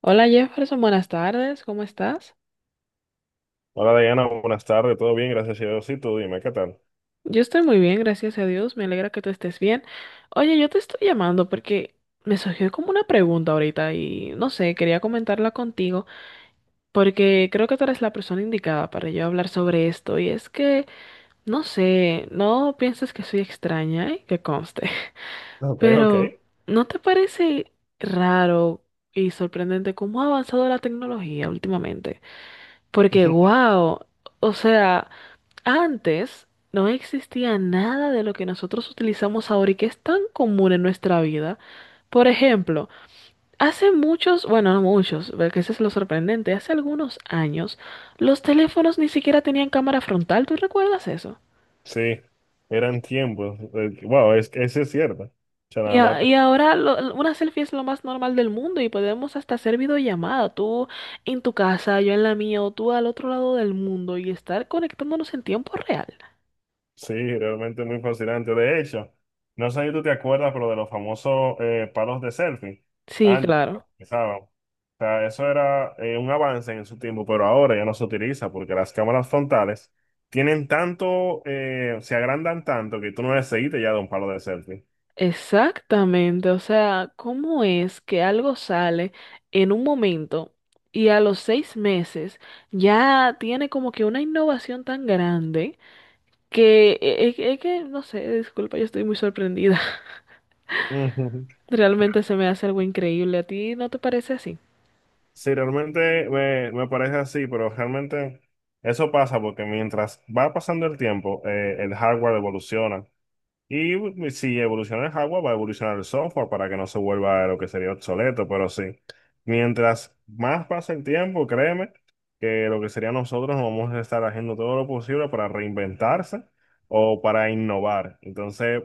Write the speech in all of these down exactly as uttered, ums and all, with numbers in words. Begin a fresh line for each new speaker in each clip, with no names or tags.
Hola Jefferson, buenas tardes, ¿cómo estás?
Hola Diana, buenas tardes, todo bien, gracias a Dios. Y tú dime, ¿qué tal?
Yo estoy muy bien, gracias a Dios, me alegra que tú estés bien. Oye, yo te estoy llamando porque me surgió como una pregunta ahorita y no sé, quería comentarla contigo porque creo que tú eres la persona indicada para yo hablar sobre esto y es que, no sé, no pienses que soy extraña, ¿eh? Que conste,
Ok, ok.
pero ¿no te parece raro y sorprendente cómo ha avanzado la tecnología últimamente? Porque, wow, o sea... Antes no existía nada de lo que nosotros utilizamos ahora y que es tan común en nuestra vida. Por ejemplo, hace muchos, bueno, no muchos, porque eso es lo sorprendente, hace algunos años los teléfonos ni siquiera tenían cámara frontal, ¿tú recuerdas eso?
Sí, eran tiempos. eh, Wow, es, eso es cierto. O sea,
Y,
nada más
a- y
te-
ahora lo- una selfie es lo más normal del mundo y podemos hasta hacer videollamada, tú en tu casa, yo en la mía o tú al otro lado del mundo y estar conectándonos en tiempo real.
Sí, realmente muy fascinante. De hecho, no sé si tú te acuerdas, pero de los famosos eh, palos de selfie.
Sí,
Antes,
claro.
los utilizaban. O sea, eso era eh, un avance en su tiempo, pero ahora ya no se utiliza porque las cámaras frontales tienen tanto, eh, se agrandan tanto que tú no necesitas ya de un palo de selfie.
Exactamente, o sea, ¿cómo es que algo sale en un momento y a los seis meses ya tiene como que una innovación tan grande que es que, no sé, disculpa, yo estoy muy sorprendida. Realmente se me hace algo increíble. ¿A ti no te parece así?
Sí, realmente me, me parece así, pero realmente eso pasa porque mientras va pasando el tiempo, eh, el hardware evoluciona. Y si evoluciona el hardware, va a evolucionar el software para que no se vuelva lo que sería obsoleto, pero sí. Mientras más pasa el tiempo, créeme que lo que sería nosotros vamos a estar haciendo todo lo posible para reinventarse o para innovar. Entonces,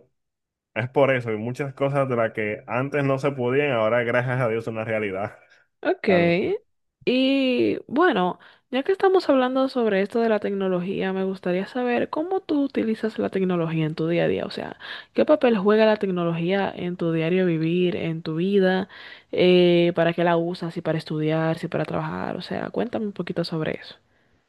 es por eso, y muchas cosas de las que antes no se podían, ahora gracias a Dios son una realidad.
Ok. Y bueno, ya que estamos hablando sobre esto de la tecnología, me gustaría saber cómo tú utilizas la tecnología en tu día a día. O sea, ¿qué papel juega la tecnología en tu diario vivir, en tu vida? Eh, ¿para qué la usas? ¿Si para estudiar, si para trabajar? O sea, cuéntame un poquito sobre eso.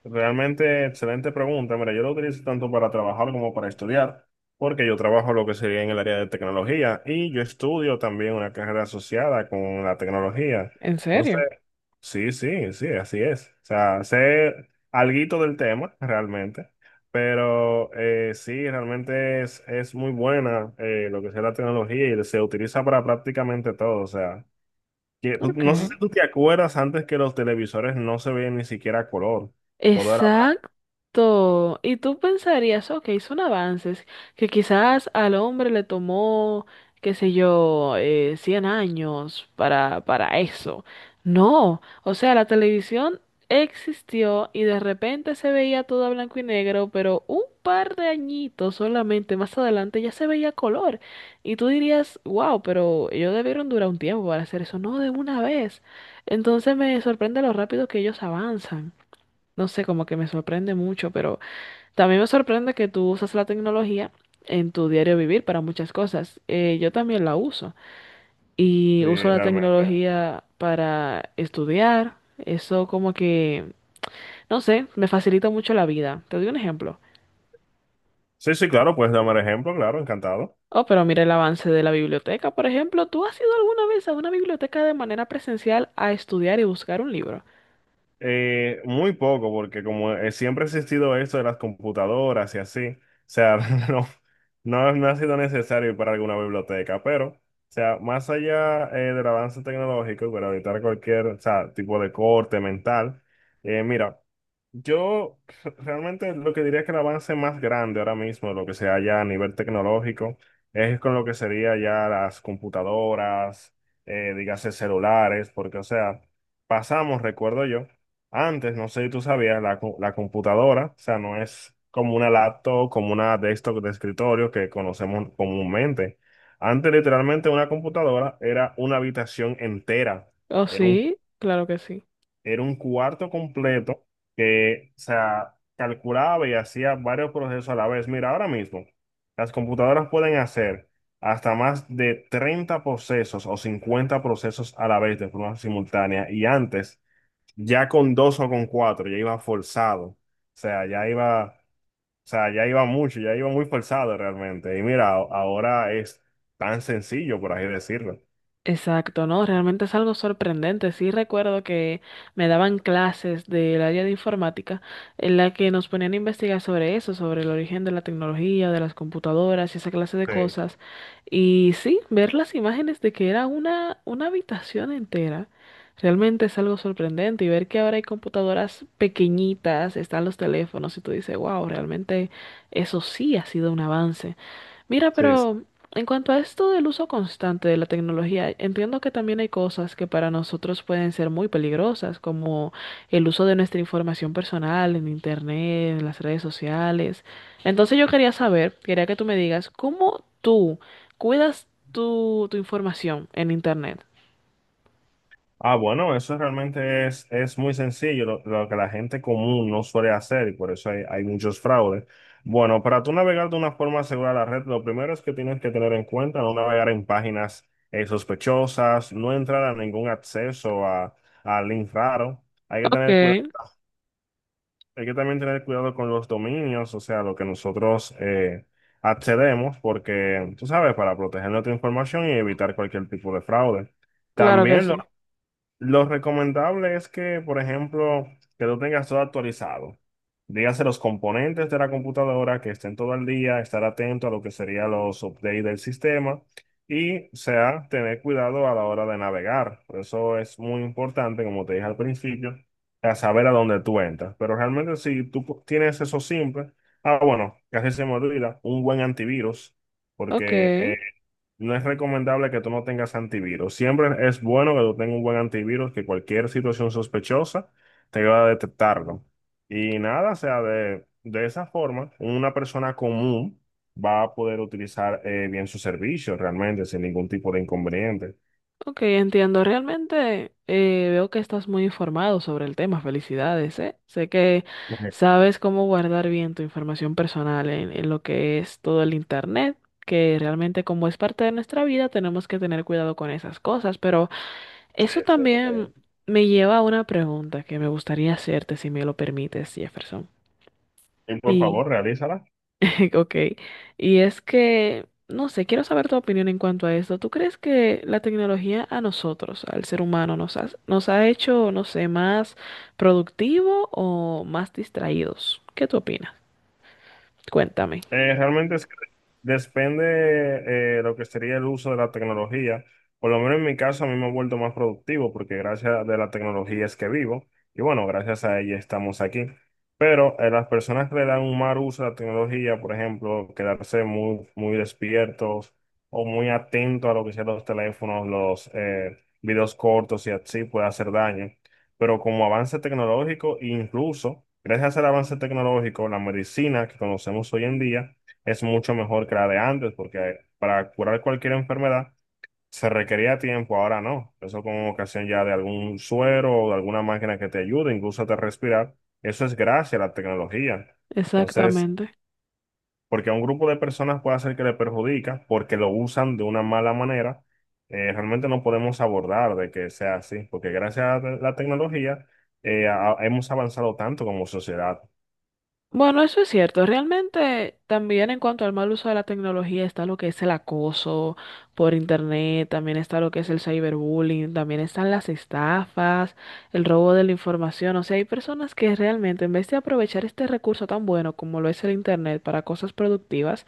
Realmente excelente pregunta. Mira, yo lo utilizo tanto para trabajar como para estudiar, porque yo trabajo lo que sería en el área de tecnología y yo estudio también una carrera asociada con la tecnología.
¿En
Entonces,
serio?
sí, sí, sí, así es. O sea, sé alguito del tema realmente, pero eh, sí, realmente es, es muy buena eh, lo que sea la tecnología y se utiliza para prácticamente todo. O sea, que, no sé
Ok.
si tú te acuerdas antes que los televisores no se veían ni siquiera a color. Todo
Exacto. Y tú pensarías, ok, son avances que quizás al hombre le tomó, qué sé yo, eh, cien años para, para eso. No, o sea, la televisión existió y de repente se veía todo a blanco y negro, pero un par de añitos solamente más adelante ya se veía color. Y tú dirías, wow, pero ellos debieron durar un tiempo para hacer eso, no de una vez. Entonces me sorprende lo rápido que ellos avanzan, no sé, como que me sorprende mucho, pero también me sorprende que tú usas la tecnología en tu diario vivir para muchas cosas. Eh, yo también la uso y
sí,
uso la
realmente.
tecnología para estudiar. Eso como que, no sé, me facilita mucho la vida. Te doy un ejemplo.
Sí, sí, claro, puedes darme el ejemplo, claro, encantado.
Oh, pero mira el avance de la biblioteca, por ejemplo. ¿Tú has ido alguna vez a una biblioteca de manera presencial a estudiar y buscar un libro?
Eh, muy poco, porque como eh, siempre ha existido esto de las computadoras y así, o sea, no, no, no ha sido necesario para alguna biblioteca, pero, o sea, más allá eh, del avance tecnológico y para evitar cualquier, o sea, tipo de corte mental, eh, mira. Yo re- Realmente lo que diría es que el avance más grande ahora mismo, lo que sea ya a nivel tecnológico, es con lo que sería ya las computadoras, eh, dígase celulares, porque o sea, pasamos, recuerdo yo, antes, no sé si tú sabías, la, co- la computadora, o sea, no es como una laptop, como una desktop de escritorio que conocemos comúnmente. Antes literalmente una computadora era una habitación entera,
Oh, sí, claro que sí.
era un cuarto completo que, o sea, calculaba y hacía varios procesos a la vez. Mira, ahora mismo las computadoras pueden hacer hasta más de treinta procesos o cincuenta procesos a la vez de forma simultánea. Y antes, ya con dos o con cuatro, ya iba forzado. O sea, ya iba, o sea, ya iba mucho, ya iba muy forzado realmente. Y mira, a- ahora es tan sencillo, por así decirlo.
Exacto, ¿no? Realmente es algo sorprendente. Sí recuerdo que me daban clases del área de informática en la que nos ponían a investigar sobre eso, sobre el origen de la tecnología, de las computadoras y esa clase de
Sí,
cosas. Y sí, ver las imágenes de que era una, una habitación entera, realmente es algo sorprendente. Y ver que ahora hay computadoras pequeñitas, están los teléfonos y tú dices, wow, realmente eso sí ha sido un avance. Mira,
sí.
pero en cuanto a esto del uso constante de la tecnología, entiendo que también hay cosas que para nosotros pueden ser muy peligrosas, como el uso de nuestra información personal en Internet, en las redes sociales. Entonces yo quería saber, quería que tú me digas, ¿cómo tú cuidas tu, tu información en Internet?
Ah, bueno, eso realmente es, es muy sencillo, lo, lo que la gente común no suele hacer y por eso hay, hay muchos fraudes. Bueno, para tú navegar de una forma segura la red, lo primero es que tienes que tener en cuenta no navegar en páginas eh, sospechosas, no entrar a ningún acceso a, a link raro. Hay que
Ok,
tener cuidado, hay que también tener cuidado con los dominios, o sea, lo que nosotros eh, accedemos, porque tú sabes, para proteger nuestra información y evitar cualquier tipo de fraude.
claro que
También
sí.
lo recomendable es que, por ejemplo, que lo tengas todo actualizado. Dígase los componentes de la computadora que estén todo el día, estar atento a lo que serían los updates del sistema y, o sea, tener cuidado a la hora de navegar. Por eso es muy importante, como te dije al principio, a saber a dónde tú entras. Pero realmente si tú pu- tienes eso simple, ah, bueno, casi se me olvida, un buen antivirus,
Ok.
porque eh, no es recomendable que tú no tengas antivirus. Siempre es bueno que tú tengas un buen antivirus, que cualquier situación sospechosa te va a detectarlo. Y nada, o sea, de, de esa forma, una persona común va a poder utilizar eh, bien sus servicios realmente sin ningún tipo de inconveniente.
Ok, entiendo. Realmente eh, veo que estás muy informado sobre el tema. Felicidades, ¿eh? Sé que
Ok.
sabes cómo guardar bien tu información personal en, en lo que es todo el internet, que realmente como es parte de nuestra vida tenemos que tener cuidado con esas cosas. Pero
Sí,
eso
sí,
también
sí.
me lleva a una pregunta que me gustaría hacerte, si me lo permites, Jefferson.
Y por
Y
favor, realízala.
Ok, y es que, no sé, quiero saber tu opinión en cuanto a esto. ¿Tú crees que la tecnología a nosotros, al ser humano, nos ha, nos ha hecho, no sé, más productivo o más distraídos? ¿Qué tú opinas? Cuéntame.
Eh, realmente es que depende eh, lo que sería el uso de la tecnología. Por lo menos en mi caso, a mí me he vuelto más productivo porque gracias a la tecnología es que vivo y bueno, gracias a ella estamos aquí. Pero eh, las personas que le dan un mal uso a la tecnología, por ejemplo, quedarse muy, muy despiertos o muy atentos a lo que sean los teléfonos, los eh, videos cortos y así puede hacer daño, pero como avance tecnológico, incluso gracias al avance tecnológico, la medicina que conocemos hoy en día es mucho mejor que la de antes, porque para curar cualquier enfermedad se requería tiempo, ahora no. Eso con ocasión ya de algún suero o de alguna máquina que te ayude, incluso a te respirar, eso es gracias a la tecnología. Entonces,
Exactamente.
porque a un grupo de personas puede hacer que le perjudica porque lo usan de una mala manera, eh, realmente no podemos abordar de que sea así, porque gracias a la tecnología eh, a- hemos avanzado tanto como sociedad.
Bueno, eso es cierto. Realmente también en cuanto al mal uso de la tecnología está lo que es el acoso por internet, también está lo que es el cyberbullying, también están las estafas, el robo de la información. O sea, hay personas que realmente en vez de aprovechar este recurso tan bueno como lo es el internet para cosas productivas,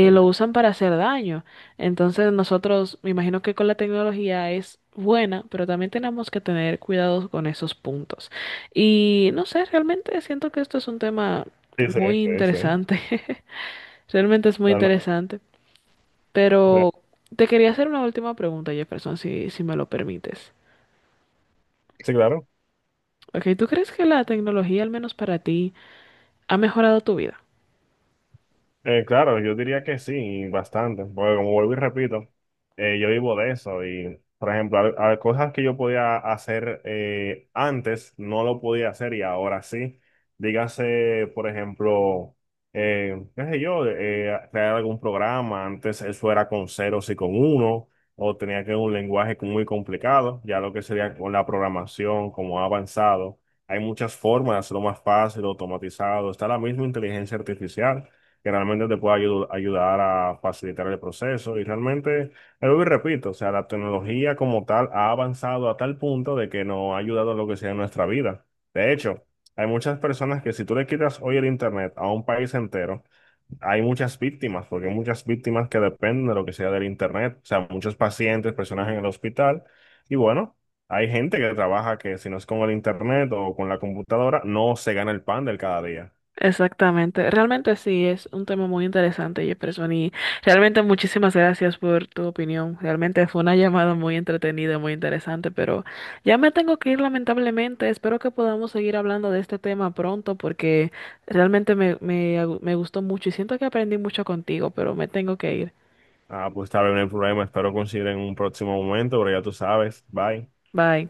Sí,
lo usan para hacer daño. Entonces nosotros, me imagino que con la tecnología es... buena, pero también tenemos que tener cuidado con esos puntos. Y no sé, realmente siento que esto es un tema
sí,
muy
sí, sí.
interesante. Realmente es muy
Realmente,
interesante. Pero te quería hacer una última pregunta, Jefferson, si, si me lo permites.
sí, claro.
Ok, ¿tú crees que la tecnología, al menos para ti, ha mejorado tu vida?
Eh, claro, yo diría que sí, bastante, porque como vuelvo y repito, eh, yo vivo de eso y, por ejemplo, al- al- cosas que yo podía hacer eh, antes, no lo podía hacer y ahora sí. Dígase, por ejemplo, eh, qué sé yo, eh, crear algún programa, antes eso era con ceros y con uno, o tenía que un lenguaje muy complicado, ya lo que sería con la programación, como ha avanzado. Hay muchas formas de hacerlo más fácil, automatizado, está la misma inteligencia artificial que realmente te pueda ayu- ayudar a facilitar el proceso. Y realmente, eh, vuelvo y repito, o sea, la tecnología como tal ha avanzado a tal punto de que nos ha ayudado en lo que sea en nuestra vida. De hecho, hay muchas personas que si tú le quitas hoy el Internet a un país entero, hay muchas víctimas, porque hay muchas víctimas que dependen de lo que sea del Internet. O sea, muchos pacientes, personas en el hospital. Y bueno, hay gente que trabaja que si no es con el Internet o con la computadora, no se gana el pan del cada día.
Exactamente, realmente sí, es un tema muy interesante, Jefferson, y realmente muchísimas gracias por tu opinión. Realmente fue una llamada muy entretenida, muy interesante, pero ya me tengo que ir lamentablemente. Espero que podamos seguir hablando de este tema pronto porque realmente me, me, me gustó mucho y siento que aprendí mucho contigo, pero me tengo que ir.
Ah, pues está bien, el problema. Espero coincidir en un próximo momento, pero ya tú sabes. Bye.
Bye.